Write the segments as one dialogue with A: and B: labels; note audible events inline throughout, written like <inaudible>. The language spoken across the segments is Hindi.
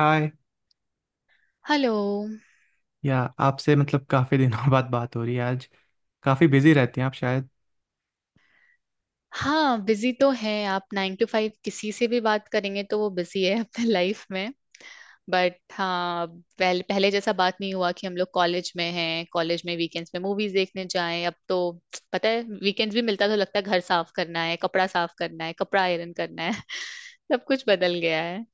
A: हाय।
B: हेलो।
A: आपसे मतलब काफ़ी दिनों <laughs> बाद बात हो रही है आज। काफ़ी बिजी रहती हैं आप शायद।
B: हाँ, बिजी तो है। आप 9 टू 5 किसी से भी बात करेंगे तो वो बिजी है <laughs> अपने लाइफ में। बट हाँ, पहले पहले जैसा बात नहीं हुआ कि हम लोग कॉलेज में हैं, कॉलेज में वीकेंड्स में मूवीज देखने जाएं। अब तो पता है वीकेंड्स भी मिलता तो लगता है घर साफ करना है, कपड़ा साफ करना है, कपड़ा आयरन करना है। <laughs> सब कुछ बदल गया है।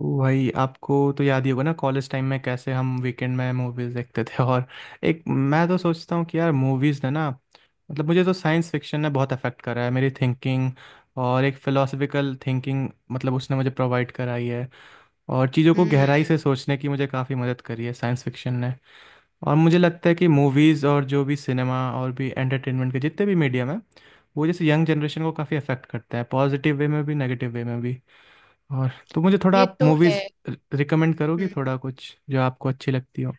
A: ओ भाई, आपको तो याद ही होगा ना कॉलेज टाइम में कैसे हम वीकेंड में मूवीज़ देखते थे <laughs> और एक मैं तो सोचता हूँ कि यार, मूवीज़ ने ना मतलब, मुझे तो साइंस फिक्शन ने बहुत अफेक्ट करा है मेरी थिंकिंग। और एक फ़िलोसफिकल थिंकिंग मतलब उसने मुझे प्रोवाइड कराई है। और चीज़ों को गहराई
B: हम्म।
A: से सोचने की मुझे काफ़ी मदद करी है साइंस फिक्शन। और मुझे लगता है कि मूवीज़ और जो भी सिनेमा और भी एंटरटेनमेंट के जितने भी मीडियम है, वो जैसे यंग जनरेशन को काफ़ी अफेक्ट करता है, पॉजिटिव वे में भी नेगेटिव वे में भी। और तो मुझे थोड़ा
B: ये
A: आप
B: तो है।
A: मूवीज़ रिकमेंड करोगी
B: हम्म।
A: थोड़ा कुछ जो आपको अच्छी लगती हो।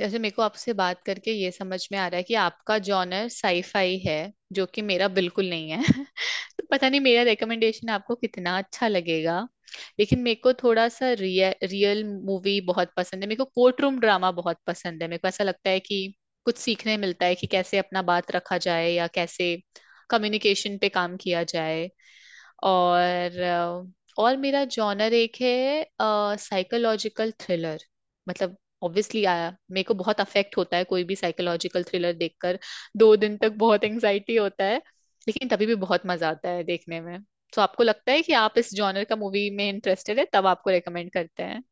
B: जैसे मेरे को आपसे बात करके ये समझ में आ रहा है कि आपका जॉनर साईफाई है, जो कि मेरा बिल्कुल नहीं है। <laughs> तो पता नहीं मेरा रिकमेंडेशन आपको कितना अच्छा लगेगा, लेकिन मेरे को थोड़ा सा रियल मूवी बहुत पसंद है। मेरे को कोर्ट रूम ड्रामा बहुत पसंद है। मेरे को ऐसा लगता है कि कुछ सीखने मिलता है कि कैसे अपना बात रखा जाए या कैसे कम्युनिकेशन पे काम किया जाए। और और मेरा जॉनर एक है साइकोलॉजिकल थ्रिलर। मतलब ऑब्वियसली आया मेरे को बहुत अफेक्ट होता है कोई भी साइकोलॉजिकल थ्रिलर देखकर। दो दिन तक बहुत एंजाइटी होता है, लेकिन तभी भी बहुत मजा आता है देखने में। तो आपको लगता है कि आप इस जॉनर का मूवी में इंटरेस्टेड है तब आपको रेकमेंड करते हैं।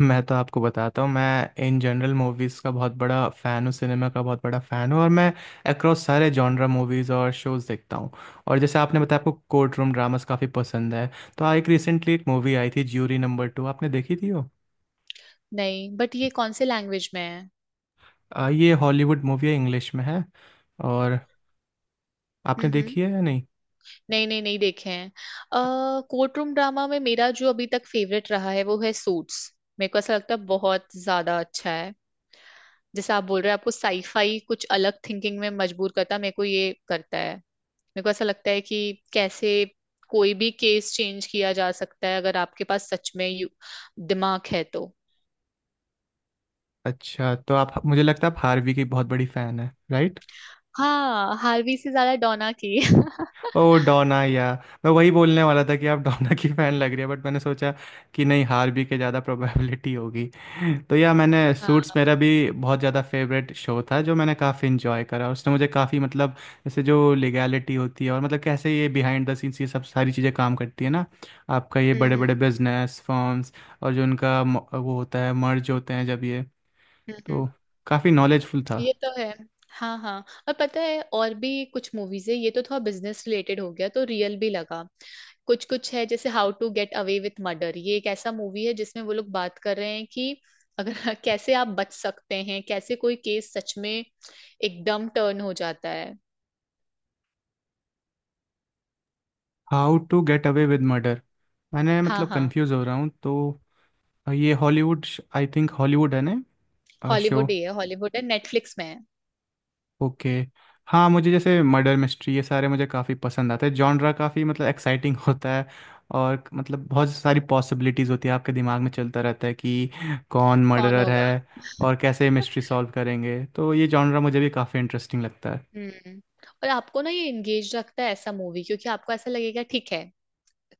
A: मैं तो आपको बताता हूँ, मैं इन जनरल मूवीज़ का बहुत बड़ा फ़ैन हूँ, सिनेमा का बहुत बड़ा फ़ैन हूँ और मैं अक्रॉस सारे जॉनरा मूवीज़ और शोज़ देखता हूँ। और जैसे आपने बताया आपको कोर्ट रूम ड्रामास काफ़ी पसंद है, तो आ एक, रिसेंटली एक मूवी आई थी ज्यूरी नंबर टू, आपने देखी थी वो?
B: नहीं, बट ये कौन से लैंग्वेज में है?
A: ये हॉलीवुड मूवी है, इंग्लिश में है। और आपने
B: हम्म हम्म।
A: देखी है या नहीं।
B: नहीं नहीं नहीं देखे हैं। अ कोर्ट रूम ड्रामा में मेरा जो अभी तक फेवरेट रहा है वो है सूट्स। मेरे को ऐसा लगता है बहुत ज्यादा अच्छा है। जैसे आप बोल रहे हैं आपको साईफाई कुछ अलग थिंकिंग में मजबूर करता है, मेरे को ये करता है। मेरे को ऐसा लगता है कि कैसे कोई भी केस चेंज किया जा सकता है अगर आपके पास सच में दिमाग है तो।
A: अच्छा, तो आप, मुझे लगता है आप हार्वी की बहुत बड़ी फैन है, राइट।
B: हाँ, हार्वी से ज्यादा डोना की। <laughs>
A: ओ डोना। मैं वही बोलने वाला था कि आप डोना की फैन लग रही है, बट मैंने सोचा कि नहीं, हार भी के ज़्यादा प्रोबेबिलिटी होगी। तो मैंने सूट्स,
B: हाँ।
A: मेरा भी बहुत ज़्यादा फेवरेट शो था, जो मैंने काफ़ी इंजॉय करा। उसने मुझे काफ़ी मतलब जैसे जो लीगैलिटी होती है और मतलब कैसे ये बिहाइंड द सीन्स, ये सब सारी चीज़ें काम करती है ना, आपका ये बड़े
B: हम्म।
A: बड़े बिजनेस फर्म्स और जो उनका वो होता है मर्ज होते हैं जब ये,
B: हम्म हम्म।
A: तो काफ़ी नॉलेजफुल था।
B: ये तो है। हाँ हाँ। और पता है और भी कुछ मूवीज है, ये तो थोड़ा बिजनेस रिलेटेड हो गया तो रियल भी लगा। कुछ कुछ है जैसे how to get away with murder. ये एक ऐसा मूवी है जिसमें वो लोग बात कर रहे हैं कि अगर <laughs> कैसे आप बच सकते हैं, कैसे कोई केस सच में एकदम टर्न हो जाता है।
A: How to get away with murder, मैंने
B: हाँ
A: मतलब
B: हाँ।
A: कंफ्यूज हो रहा हूँ तो। और ये हॉलीवुड, आई थिंक हॉलीवुड है ना शो।
B: हॉलीवुड ही है, हॉलीवुड है, नेटफ्लिक्स में है।
A: ओके। हाँ, मुझे जैसे मर्डर मिस्ट्री, ये सारे मुझे काफ़ी पसंद आते हैं जॉनरा, काफ़ी मतलब एक्साइटिंग <laughs> होता है। और मतलब बहुत सारी पॉसिबिलिटीज़ होती है, आपके दिमाग में चलता रहता है कि कौन
B: कौन
A: मर्डरर
B: होगा?
A: है और कैसे मिस्ट्री
B: <laughs>
A: सॉल्व करेंगे। तो ये जॉनरा मुझे भी काफ़ी इंटरेस्टिंग लगता है।
B: हम्म। और आपको ना ये एंगेज रखता है ऐसा मूवी, क्योंकि आपको ऐसा लगेगा ठीक है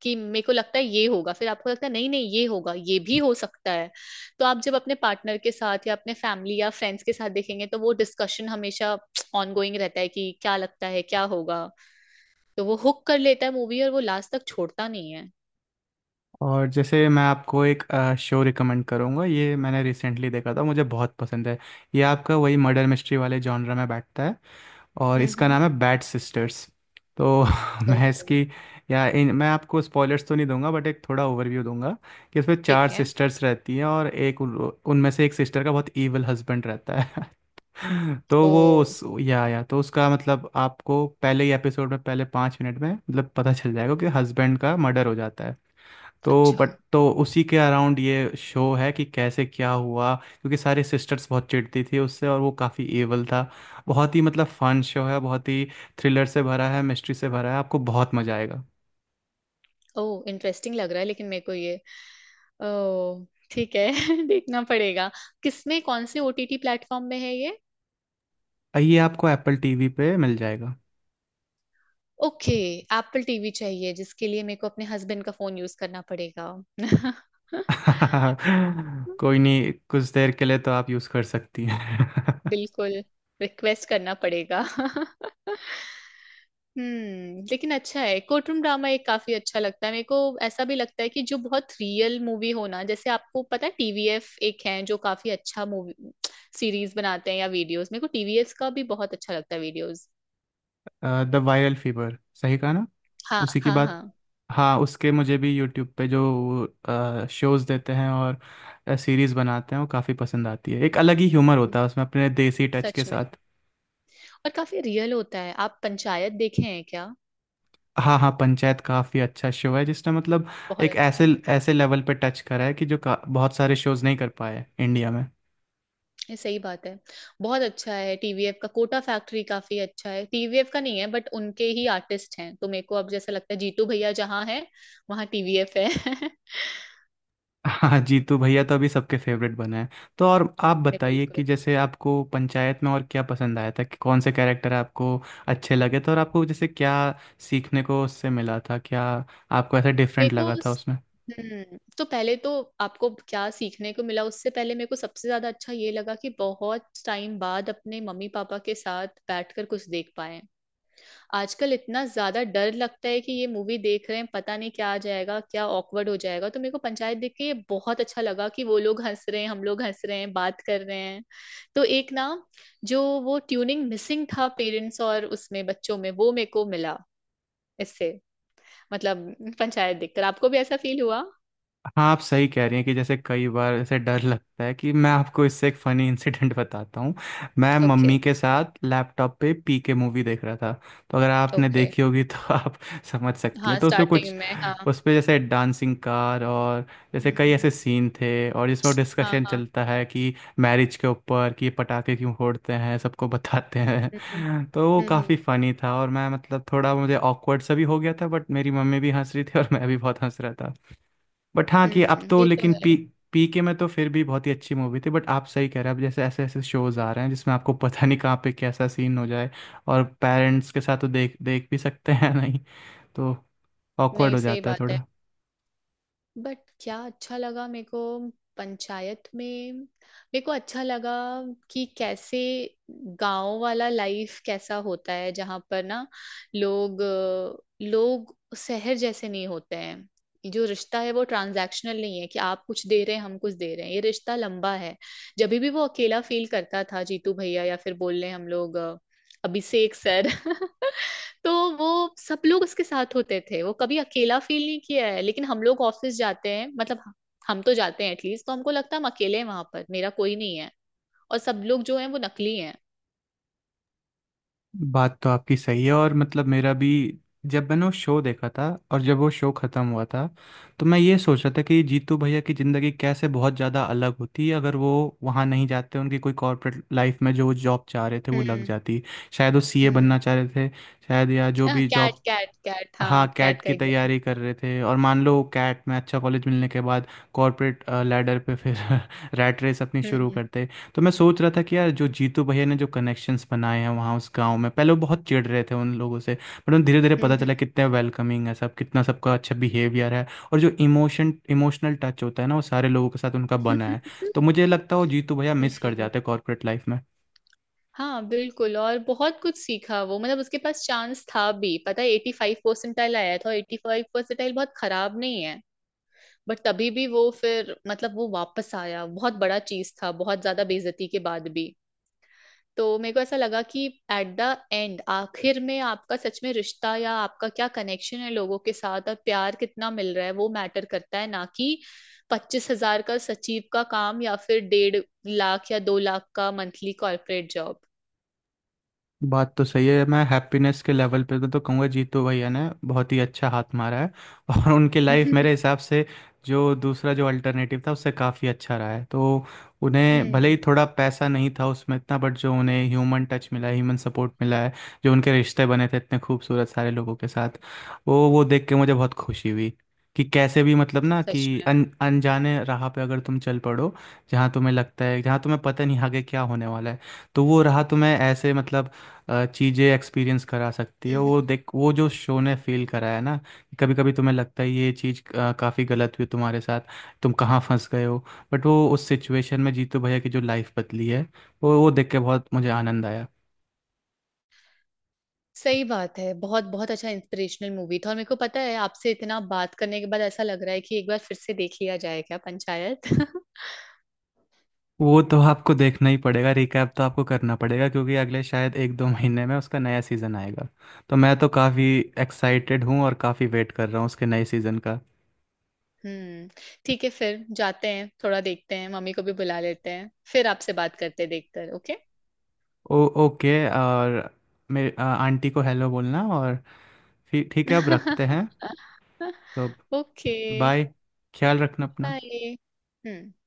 B: कि मेरे को लगता है ये होगा, फिर आपको लगता है नहीं नहीं ये होगा, ये भी हो सकता है। तो आप जब अपने पार्टनर के साथ या अपने फैमिली या फ्रेंड्स के साथ देखेंगे तो वो डिस्कशन हमेशा ऑनगोइंग रहता है कि क्या लगता है क्या होगा। तो वो हुक कर लेता है मूवी, और वो लास्ट तक छोड़ता नहीं है।
A: और जैसे मैं आपको एक शो रिकमेंड करूँगा, ये मैंने रिसेंटली देखा था, मुझे बहुत पसंद है। ये आपका वही मर्डर मिस्ट्री वाले जॉनरा में बैठता है, और इसका
B: हम्म।
A: नाम है बैट सिस्टर्स। तो <laughs> मैं
B: ओह।
A: इसकी या इन मैं आपको स्पॉयलर्स तो नहीं दूंगा, बट एक थोड़ा ओवरव्यू दूंगा कि इसमें चार
B: ठीक है।
A: सिस्टर्स रहती हैं और एक उनमें से एक सिस्टर का बहुत ईवल हस्बैंड रहता है। <laughs> तो वो
B: ओह,
A: उस, या तो उसका मतलब आपको पहले ही एपिसोड में पहले 5 मिनट में मतलब पता चल जाएगा कि हस्बैंड का मर्डर हो जाता है। तो
B: अच्छा।
A: बट तो उसी के अराउंड ये शो है कि कैसे क्या हुआ, क्योंकि सारे सिस्टर्स बहुत चिढ़ती थी उससे और वो काफ़ी एवल था। बहुत ही मतलब फन शो है, बहुत ही थ्रिलर से भरा है, मिस्ट्री से भरा है, आपको बहुत मज़ा आएगा।
B: ओह, इंटरेस्टिंग लग रहा है, लेकिन मेरे को ये ओह ठीक है। <laughs> देखना पड़ेगा। किसमें, कौन से ओटीटी प्लेटफॉर्म में है ये?
A: ये आपको एप्पल टीवी पे मिल जाएगा।
B: ओके। एप्पल टीवी चाहिए जिसके लिए मेरे को अपने हस्बैंड का फोन यूज करना पड़ेगा। <laughs>
A: <laughs> कोई नहीं, कुछ देर के लिए तो आप यूज़ कर सकती हैं। <laughs>
B: बिल्कुल। रिक्वेस्ट करना पड़ेगा। <laughs> हम्म, लेकिन अच्छा है कोर्टरूम ड्रामा एक, काफी अच्छा लगता है मेरे को। ऐसा भी लगता है कि जो बहुत रियल मूवी हो ना, जैसे आपको पता है टीवीएफ एक है जो काफी अच्छा मूवी सीरीज बनाते हैं या वीडियोस, मेरे को टीवीएफ का भी बहुत अच्छा लगता है वीडियोस।
A: द वायरल फीवर, सही कहा ना,
B: हाँ
A: उसी की
B: हाँ
A: बात।
B: हाँ।
A: हाँ, उसके मुझे भी यूट्यूब पे जो शोज देते हैं और सीरीज बनाते हैं, वो काफ़ी पसंद आती है। एक अलग ही ह्यूमर होता है उसमें, अपने देसी टच के
B: सच में।
A: साथ।
B: और काफी रियल होता है। आप पंचायत देखे हैं क्या?
A: हाँ हाँ, पंचायत काफ़ी अच्छा शो है जिसने मतलब
B: बहुत
A: एक
B: अच्छा
A: ऐसे
B: है।
A: ऐसे लेवल पे टच करा है कि जो बहुत सारे शोज नहीं कर पाए इंडिया में।
B: ये सही बात है। बहुत अच्छा है। टीवीएफ का कोटा फैक्ट्री काफी अच्छा है, टीवीएफ का नहीं है बट उनके ही आर्टिस्ट हैं, तो मेरे को अब जैसा लगता है जीतू भैया जहाँ है वहाँ टीवीएफ है। <laughs>
A: हाँ, जीतू भैया तो अभी सबके फेवरेट बना है। तो और आप
B: नहीं,
A: बताइए कि
B: बिल्कुल।
A: जैसे आपको पंचायत में और क्या पसंद आया था, कि कौन से कैरेक्टर आपको अच्छे लगे थे और आपको जैसे क्या सीखने को उससे मिला था, क्या आपको ऐसा
B: मेरे
A: डिफरेंट
B: को
A: लगा था उसमें।
B: हम्म, तो पहले तो आपको क्या सीखने को मिला उससे पहले मेरे को सबसे ज्यादा अच्छा ये लगा कि बहुत टाइम बाद अपने मम्मी पापा के साथ बैठकर कुछ देख पाए। आजकल इतना ज्यादा डर लगता है कि ये मूवी देख रहे हैं, पता नहीं क्या आ जाएगा, क्या ऑकवर्ड हो जाएगा। तो मेरे को पंचायत देख के ये बहुत अच्छा लगा कि वो लोग हंस रहे हैं, हम लोग हंस रहे हैं, बात कर रहे हैं। तो एक ना जो वो ट्यूनिंग मिसिंग था पेरेंट्स और उसमें बच्चों में, वो मेरे को मिला इससे। मतलब पंचायत देखकर आपको भी ऐसा फील हुआ?
A: हाँ, आप सही कह रही हैं कि जैसे कई बार ऐसे डर लगता है, कि मैं आपको इससे एक फ़नी इंसिडेंट <laughs> बताता हूँ। मैं
B: ओके।
A: मम्मी के साथ लैपटॉप पे पी के मूवी देख रहा था, तो अगर आपने
B: ओके।
A: देखी होगी तो <laughs> आप समझ सकती हैं।
B: हाँ,
A: तो उसमें
B: स्टार्टिंग
A: कुछ,
B: में हाँ।
A: उसमें जैसे डांसिंग कार और जैसे
B: हम्म
A: कई
B: हम्म,
A: ऐसे सीन थे और जिसमें
B: हाँ
A: डिस्कशन
B: हाँ।
A: चलता है कि मैरिज के ऊपर कि पटाखे क्यों फोड़ते हैं, सबको बताते
B: हम्म।
A: हैं <laughs> तो वो
B: हम्म हम्म,
A: काफ़ी फ़नी था और मैं मतलब थोड़ा मुझे ऑकवर्ड सा भी हो गया था, बट मेरी मम्मी भी हंस रही थी और मैं भी बहुत हंस रहा था। बट हाँ कि अब तो,
B: ये तो
A: लेकिन पी
B: है।
A: पी के में तो फिर भी बहुत ही अच्छी मूवी थी। बट आप सही कह रहे हैं, अब जैसे ऐसे ऐसे शोज आ रहे हैं जिसमें आपको पता नहीं कहाँ पे कैसा सीन हो जाए। और पेरेंट्स के साथ तो देख देख भी सकते हैं <laughs> नहीं, तो ऑकवर्ड
B: नहीं,
A: हो
B: सही
A: जाता है
B: बात है।
A: थोड़ा।
B: बट क्या अच्छा लगा मेरे को पंचायत में, मेरे को अच्छा लगा कि कैसे गांव वाला लाइफ कैसा होता है, जहाँ पर ना लोग लोग शहर जैसे नहीं होते हैं, जो रिश्ता है वो ट्रांजैक्शनल नहीं है कि आप कुछ दे रहे हैं हम कुछ दे रहे हैं, ये रिश्ता लंबा है। जब भी वो अकेला फील करता था जीतू भैया या फिर बोल रहे हम लोग अभिषेक सर, <laughs> तो वो सब लोग उसके साथ होते थे, वो कभी अकेला फील नहीं किया है। लेकिन हम लोग ऑफिस जाते हैं मतलब हम तो जाते हैं एटलीस्ट, तो हमको लगता है हम अकेले हैं वहां पर, मेरा कोई नहीं है और सब लोग जो हैं वो नकली हैं।
A: बात तो आपकी सही है और मतलब मेरा भी, जब मैंने वो शो देखा था और जब वो शो ख़त्म हुआ था, तो मैं ये सोच रहा था कि जीतू भैया की ज़िंदगी कैसे बहुत ज़्यादा अलग होती अगर वो वहाँ नहीं जाते, उनकी कोई कॉर्पोरेट लाइफ में जो जॉब चाह रहे थे वो लग
B: हम्म
A: जाती। शायद वो सीए
B: हम्म।
A: बनना चाह रहे थे, शायद, या जो भी
B: कैट
A: जॉब।
B: कैट कैट,
A: हाँ,
B: हाँ,
A: कैट
B: कैट का
A: की
B: एग्जाम।
A: तैयारी कर रहे थे और मान लो कैट में अच्छा कॉलेज मिलने के बाद कॉर्पोरेट लैडर पे फिर <laughs> रैट रेस अपनी शुरू
B: हम्म
A: करते। तो मैं सोच रहा था कि यार, जो जीतू भैया ने जो कनेक्शंस बनाए हैं वहाँ उस गांव में, पहले वो बहुत चिढ़ रहे थे उन लोगों से, बट उन्हें धीरे धीरे पता
B: हम्म।
A: चला कितने वेलकमिंग है सब, कितना सबका अच्छा बिहेवियर है। और जो इमोशनल टच होता है ना, वो सारे लोगों के साथ उनका बना है।
B: <laughs>
A: तो मुझे लगता है वो जीतू भैया मिस कर
B: हम्म।
A: जाते कॉर्पोरेट लाइफ में।
B: हाँ बिल्कुल, और बहुत कुछ सीखा वो। मतलब उसके पास चांस था भी, पता है 85 परसेंटाइल आया था, और 85 परसेंटाइल बहुत खराब नहीं है। बट तभी भी वो फिर मतलब वो वापस आया, बहुत बड़ा चीज था बहुत ज्यादा बेइज्जती के बाद भी। तो मेरे को ऐसा लगा कि एट द एंड, आखिर में आपका सच में रिश्ता या आपका क्या कनेक्शन है लोगों के साथ और प्यार कितना मिल रहा है, वो मैटर करता है ना कि 25 हजार का सचिव का काम या फिर 1.5 लाख या 2 लाख का मंथली कॉर्पोरेट जॉब।
A: बात तो सही है, मैं हैप्पीनेस के लेवल पे तो कहूँगा जीतू भैया ने बहुत ही अच्छा हाथ मारा है <laughs> और उनकी लाइफ मेरे
B: <laughs>
A: हिसाब से जो दूसरा जो अल्टरनेटिव था उससे काफ़ी अच्छा रहा है। तो उन्हें भले ही
B: हम्म।
A: थोड़ा पैसा नहीं था उसमें इतना, बट जो उन्हें ह्यूमन टच मिला है, ह्यूमन सपोर्ट मिला है, जो उनके रिश्ते बने थे इतने खूबसूरत सारे लोगों के साथ, वो देख के मुझे बहुत खुशी हुई। कि कैसे भी मतलब ना कि
B: सच
A: अन अनजाने राह पे अगर तुम चल पड़ो जहाँ तुम्हें लगता है, जहाँ तुम्हें पता नहीं आगे क्या होने वाला है, तो वो राह तुम्हें ऐसे मतलब चीज़ें एक्सपीरियंस करा सकती है।
B: में।
A: वो देख, वो जो शो ने फील कराया ना, कभी कभी तुम्हें लगता है ये चीज़ काफ़ी गलत हुई तुम्हारे साथ, तुम कहाँ फंस गए हो। बट वो उस सिचुएशन में जीतू भैया की जो लाइफ बदली है, वो देख के बहुत मुझे आनंद आया।
B: सही बात है, बहुत बहुत अच्छा इंस्पिरेशनल मूवी था। और मेरे को पता है आपसे इतना बात करने के बाद ऐसा लग रहा है कि एक बार फिर से देख लिया जाए क्या पंचायत। <laughs>
A: वो तो आपको देखना ही पड़ेगा, रिकैप तो आपको करना पड़ेगा क्योंकि अगले शायद एक दो महीने में उसका नया सीज़न आएगा। तो मैं तो काफ़ी एक्साइटेड हूँ और काफ़ी वेट कर रहा हूँ उसके नए सीज़न का।
B: हम्म। ठीक है, फिर जाते हैं थोड़ा देखते हैं, मम्मी को भी बुला लेते हैं, फिर आपसे बात करते हैं देखकर। ओके।
A: ओ ओके। और मेरे आंटी को हेलो बोलना और फिर ठीक है अब रखते
B: <laughs>
A: हैं। तो अब
B: ओके।
A: बाय। ख्याल रखना अपना।
B: बाय। हम्म।